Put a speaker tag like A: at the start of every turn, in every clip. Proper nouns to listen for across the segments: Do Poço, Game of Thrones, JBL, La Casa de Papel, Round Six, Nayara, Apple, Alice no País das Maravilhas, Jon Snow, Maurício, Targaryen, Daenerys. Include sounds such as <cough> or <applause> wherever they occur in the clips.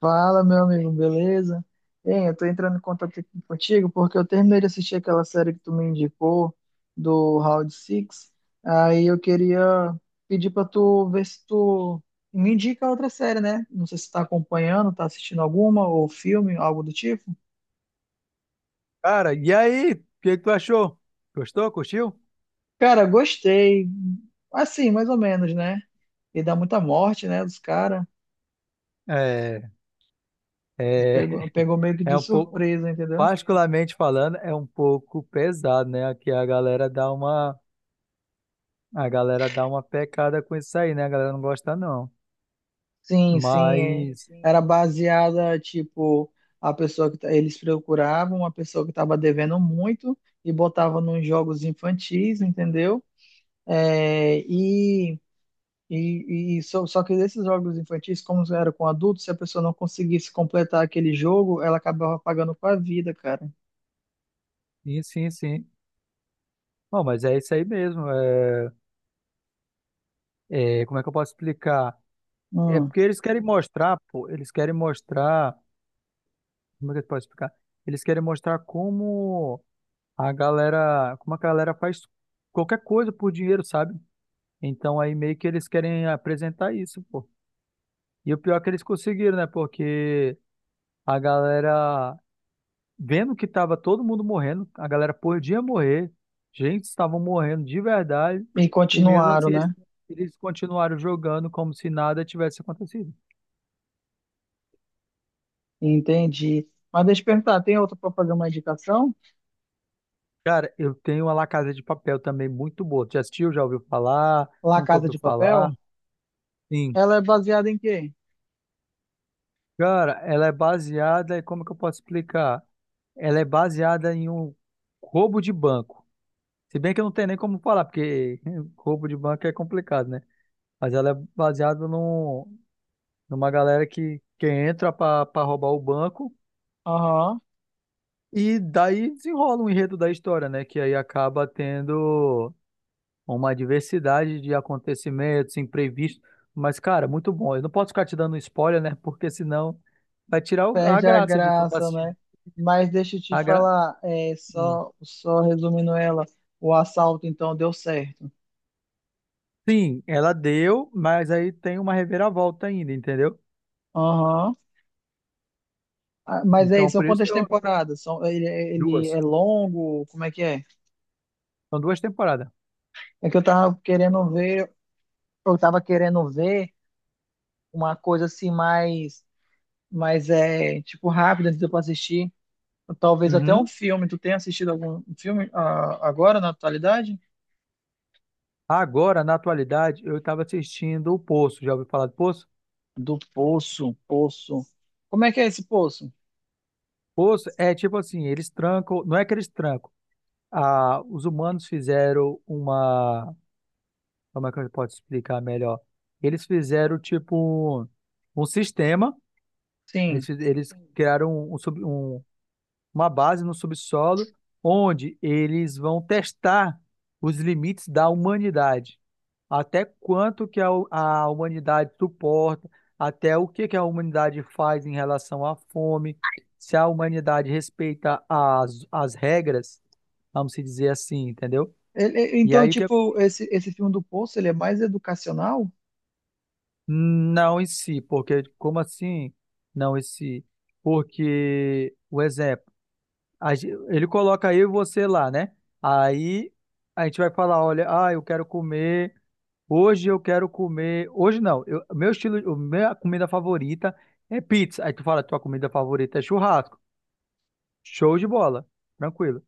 A: Fala, meu amigo, beleza? Eu tô entrando em contato aqui contigo porque eu terminei de assistir aquela série que tu me indicou do Round Six. Aí eu queria pedir pra tu ver se tu me indica outra série, né? Não sei se tu tá acompanhando, tá assistindo alguma ou filme, algo do tipo.
B: Cara, e aí? O que que tu achou? Gostou? Curtiu?
A: Cara, gostei. Assim, mais ou menos, né? E dá muita morte, né, dos caras.
B: É, é,
A: Pegou meio que de
B: é um pouco,
A: surpresa, entendeu?
B: particularmente falando, é um pouco pesado, né? Aqui a galera dá uma pecada com isso aí, né? A galera não gosta não.
A: Sim, sim. É.
B: Mas, sim.
A: Era baseada, tipo, a pessoa que tá- eles procuravam uma pessoa que estava devendo muito e botava nos jogos infantis, entendeu? É, e Só, só que esses jogos infantis, como era com adultos, se a pessoa não conseguisse completar aquele jogo, ela acabava pagando com a vida, cara.
B: Sim, sim, sim. Bom, mas é isso aí mesmo. Como é que eu posso explicar? É
A: Hum.
B: porque eles querem mostrar, pô, eles querem mostrar, como é que eu posso explicar? Eles querem mostrar como a galera faz qualquer coisa por dinheiro, sabe? Então aí meio que eles querem apresentar isso, pô. E o pior é que eles conseguiram, né? Porque a galera, vendo que tava todo mundo morrendo, a galera podia morrer, gente, estavam morrendo de verdade,
A: E
B: e mesmo
A: continuaram,
B: assim eles,
A: né?
B: eles continuaram jogando como se nada tivesse acontecido.
A: Entendi. Mas deixa eu perguntar, tem outra para fazer uma indicação?
B: Cara, eu tenho uma La Casa de Papel também muito boa. Já assistiu? Já ouviu falar?
A: La
B: Nunca
A: Casa
B: ouviu
A: de Papel?
B: falar? Sim.
A: Ela é baseada em quê?
B: Cara, ela é baseada, e como que eu posso explicar? Ela é baseada em um roubo de banco. Se bem que eu não tenho nem como falar, porque <laughs> roubo de banco é complicado, né? Mas ela é baseada numa galera que entra pra roubar o banco
A: Aham.
B: e daí desenrola um enredo da história, né? Que aí acaba tendo uma diversidade de acontecimentos imprevistos. Mas, cara, muito bom. Eu não posso ficar te dando spoiler, né? Porque senão vai tirar a
A: Perde a
B: graça de tu estar
A: graça,
B: assistindo.
A: né? Mas deixa eu te
B: A gra...
A: falar,
B: hum.
A: só, só resumindo ela, o assalto então deu certo.
B: Sim, ela deu, mas aí tem uma reviravolta ainda, entendeu?
A: Aham. Ah, mas aí,
B: Então,
A: são
B: por isso que
A: quantas
B: eu.
A: temporadas? São, ele
B: Duas.
A: é longo? Como é que é?
B: São duas temporadas.
A: É que eu tava querendo ver, eu tava querendo ver uma coisa assim mais, mais tipo rápida antes de eu assistir. Talvez até um
B: Uhum.
A: filme. Tu tem assistido algum filme agora na atualidade?
B: Agora, na atualidade, eu estava assistindo o Poço. Já ouviu falar do Poço?
A: Do Poço, Poço. Como é que é esse Poço?
B: Poço é tipo assim: eles trancam. Não é que eles trancam. Ah, os humanos fizeram uma. Como é que eu posso explicar melhor? Eles fizeram tipo um sistema.
A: Sim.
B: Eles criaram uma base no subsolo, onde eles vão testar os limites da humanidade. Até quanto que a humanidade suporta, até o que que a humanidade faz em relação à fome, se a humanidade respeita as regras, vamos se dizer assim, entendeu? E
A: Então,
B: aí o que...
A: tipo, esse filme do Poço, ele é mais educacional?
B: Não em si, porque como assim não em si? Porque, o exemplo, ele coloca eu e você lá, né? Aí a gente vai falar, olha, ah, eu quero comer, hoje eu quero comer, hoje não, eu, meu estilo, minha comida favorita é pizza. Aí tu fala, tua comida favorita é churrasco. Show de bola, tranquilo.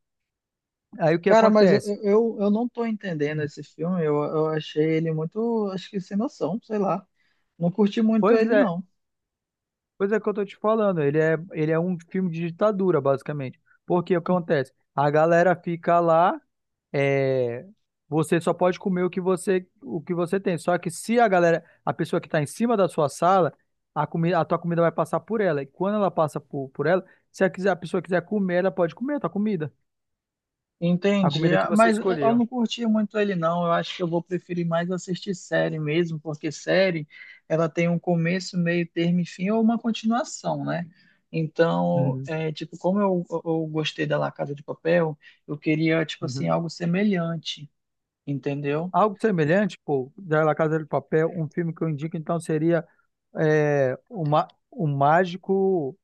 B: Aí o que
A: Cara, mas
B: acontece?
A: eu não tô entendendo esse filme. Eu achei ele muito, acho que sem noção, sei lá. Não curti muito
B: Pois
A: ele,
B: é,
A: não.
B: Pois é que eu tô te falando, ele é um filme de ditadura, basicamente. Porque o que acontece? A galera fica lá, é, você só pode comer o que você tem. Só que se a galera, a pessoa que está em cima da sua sala, a tua comida vai passar por ela. E quando ela passa por ela, se a, quiser, a pessoa quiser comer, ela pode comer a tua comida. A
A: Entendi,
B: comida que
A: ah,
B: você
A: mas eu
B: escolheu.
A: não curti muito ele, não. Eu acho que eu vou preferir mais assistir série mesmo, porque série, ela tem um começo, meio termo e fim, ou uma continuação, né? Então,
B: Uhum,
A: é, tipo, como eu gostei da La Casa de Papel, eu queria, tipo assim,
B: uhum.
A: algo semelhante, entendeu?
B: Algo semelhante, pô, da La Casa de Papel, um filme que eu indico, então, seria é, o o Mágico.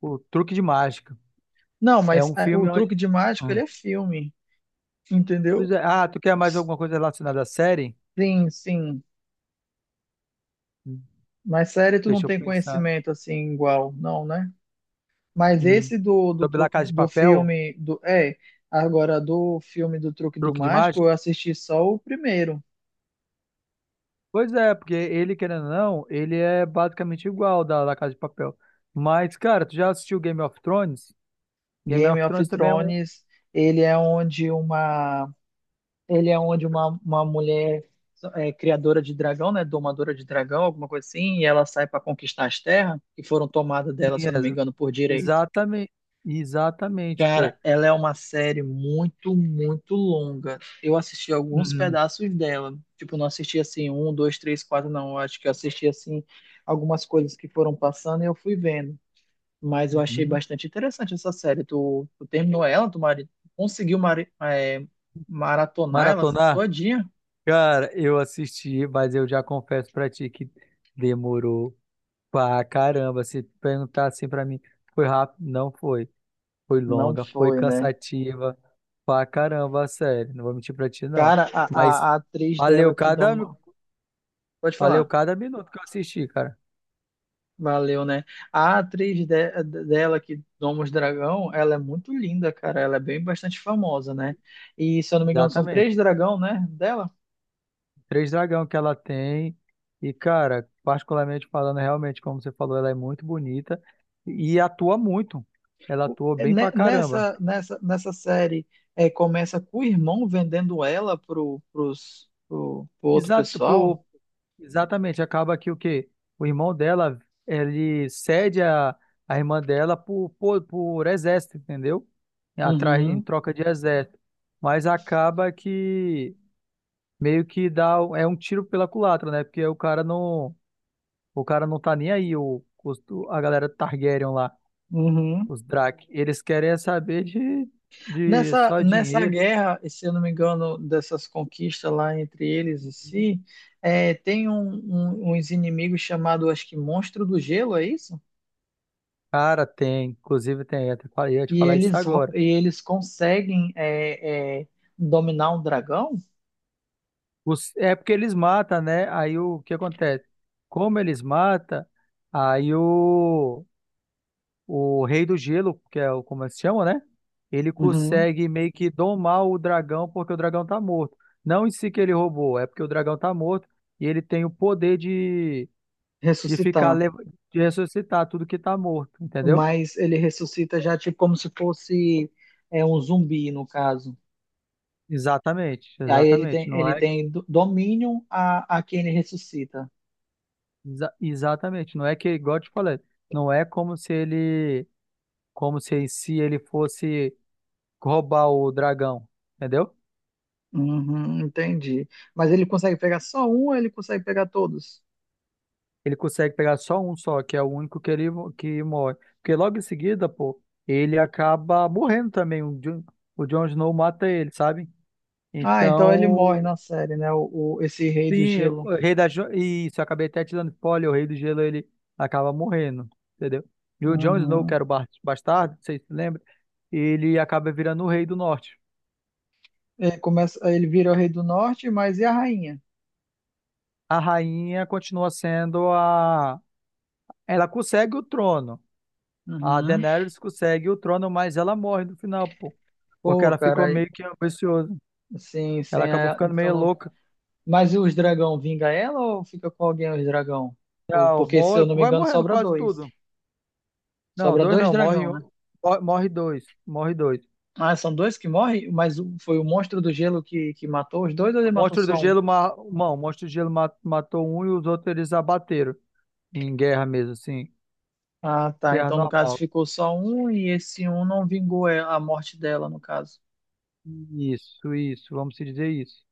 B: O Truque de Mágica.
A: Não,
B: É
A: mas
B: um
A: é, o
B: filme onde.
A: truque de mágica,
B: Hum.
A: ele é filme,
B: Pois
A: entendeu?
B: é. Ah, tu quer mais alguma coisa relacionada à série?
A: Sim, sim.
B: Hum,
A: Mas série tu não
B: Deixa eu
A: tem
B: pensar.
A: conhecimento assim igual, não, né? Mas
B: Hum.
A: esse do
B: Sobre La
A: truque
B: Casa de
A: do
B: Papel,
A: filme agora do filme do truque do
B: Truque de
A: mágico,
B: Mágica?
A: eu assisti só o primeiro.
B: Pois é, porque ele, querendo ou não, ele é basicamente igual da La Casa de Papel. Mas, cara, tu já assistiu Game of Thrones? Game
A: Game
B: of
A: of
B: Thrones também é um.
A: Thrones. Ele é onde uma uma mulher criadora de dragão, né, domadora de dragão, alguma coisa assim, e ela sai para conquistar as terras que foram tomadas dela, se eu não me
B: Yes.
A: engano, por direito.
B: Exatamente. Exatamente,
A: Cara,
B: pô.
A: ela é uma série muito, muito longa. Eu assisti alguns
B: Uhum,
A: pedaços dela. Tipo, não assisti assim, um, dois, três, quatro, não. Eu acho que eu assisti assim algumas coisas que foram passando e eu fui vendo. Mas eu achei
B: uhum.
A: bastante interessante essa série. Tu terminou ela, tu mari- conseguiu mari- eh, maratonar ela
B: Maratonar?
A: todinha?
B: Cara, eu assisti, mas eu já confesso pra ti que demorou. Pá, caramba, se perguntar assim pra mim, foi rápido? Não foi. Foi
A: Não
B: longa, foi
A: foi, né?
B: cansativa. Pá, caramba, sério, não vou mentir pra ti, não.
A: Cara, a,
B: Mas
A: a, a atriz
B: valeu
A: dela que
B: cada,
A: doma. Pode
B: valeu
A: falar.
B: cada minuto que eu assisti, cara.
A: Valeu, né? A atriz dela, que Domus Dragão, ela é muito linda, cara. Ela é bem bastante famosa, né? E, se eu não me engano, são três
B: Exatamente.
A: dragão, né? Dela.
B: Três dragão que ela tem. E, cara, particularmente falando, realmente, como você falou, ela é muito bonita e atua muito. Ela atua bem pra caramba.
A: Nessa série, é, começa com o irmão vendendo ela pro outro
B: Exato,
A: pessoal.
B: pô, exatamente. Acaba que o quê? O irmão dela, ele cede a irmã dela por exército, entendeu? Atrás, em
A: Uhum,
B: troca de exército. Mas acaba que meio que dá, é um tiro pela culatra, né? Porque o cara não tá nem aí, a galera Targaryen lá,
A: uhum.
B: os Drak. Eles querem é saber de só
A: Nessa
B: dinheiro.
A: guerra, e se eu não me engano, dessas conquistas lá entre eles e si, é, tem uns inimigos chamados, acho que Monstro do Gelo, é isso?
B: Cara, tem, inclusive tem, eu ia te
A: E
B: falar isso agora.
A: eles conseguem dominar um dragão?
B: É porque eles matam, né? Aí o que acontece? Como eles matam, aí o, o Rei do Gelo, que é o como eles chamam, né? Ele
A: Uhum.
B: consegue meio que domar o dragão porque o dragão tá morto. Não em si que ele roubou, é porque o dragão tá morto e ele tem o poder de ficar,
A: Ressuscitar.
B: lev- de ressuscitar tudo que tá morto, entendeu?
A: Mas ele ressuscita já tipo como se fosse um zumbi, no caso.
B: Exatamente,
A: E aí
B: exatamente.
A: ele tem domínio a quem ele ressuscita.
B: Exatamente, não é que, igual eu te falei, não é como se ele, como se em si ele fosse roubar o dragão, entendeu?
A: Uhum, entendi. Mas ele consegue pegar só um ou ele consegue pegar todos?
B: Ele consegue pegar só um, que é o único que que morre. Porque logo em seguida, pô, ele acaba morrendo também. O Jon Snow mata ele, sabe?
A: Ah, então ele morre
B: Então,
A: na série, né? Esse rei do
B: sim,
A: gelo.
B: o rei da jo- isso, eu acabei até te dando spoiler, o rei do gelo ele acaba morrendo, entendeu? E o Jon Snow, que
A: Uhum.
B: era bastardo, vocês se lembram? Ele acaba virando o rei do norte.
A: Ele vira o rei do norte, mas e a rainha?
B: A rainha continua sendo a. Ela consegue o trono. A
A: Uhum.
B: Daenerys consegue o trono, mas ela morre no final, pô. Porque
A: Pô,
B: ela ficou
A: cara.
B: meio que ambiciosa.
A: Sim, sim.
B: Ela acabou ficando meio louca.
A: Mas e os dragão vinga ela ou fica com alguém os dragão?
B: Não,
A: Porque, se
B: morre,
A: eu não me
B: vai
A: engano,
B: morrendo
A: sobra
B: quase
A: dois.
B: tudo. Não,
A: Sobra
B: dois
A: dois
B: não,
A: dragão, né?
B: morre dois, morre dois.
A: Ah, são dois que morrem, mas foi o monstro do gelo que matou os dois ou ele
B: O
A: matou
B: monstro do
A: só um?
B: gelo, ma- não, o monstro do gelo matou um e os outros eles abateram em guerra mesmo, assim,
A: Ah, tá.
B: guerra
A: Então, no caso,
B: normal.
A: ficou só um e esse um não vingou a morte dela, no caso.
B: Isso, vamos se dizer isso,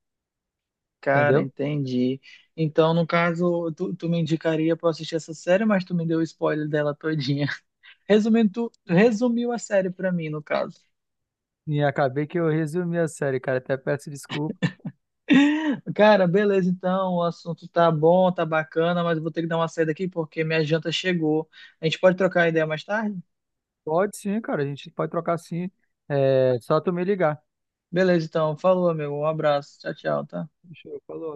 A: Cara,
B: entendeu?
A: entendi. Então, no caso, tu me indicaria pra eu assistir essa série, mas tu me deu o spoiler dela todinha. <laughs> Resumindo, tu resumiu a série pra mim, no caso.
B: E acabei que eu resumi a série, cara, até peço desculpa.
A: Cara, beleza, então, o assunto tá bom, tá bacana, mas eu vou ter que dar uma saída aqui porque minha janta chegou. A gente pode trocar ideia mais tarde?
B: Pode sim, cara, a gente pode trocar sim, é só tu me ligar.
A: Beleza, então, falou, amigo, um abraço, tchau, tchau, tá?
B: Fechou, falou.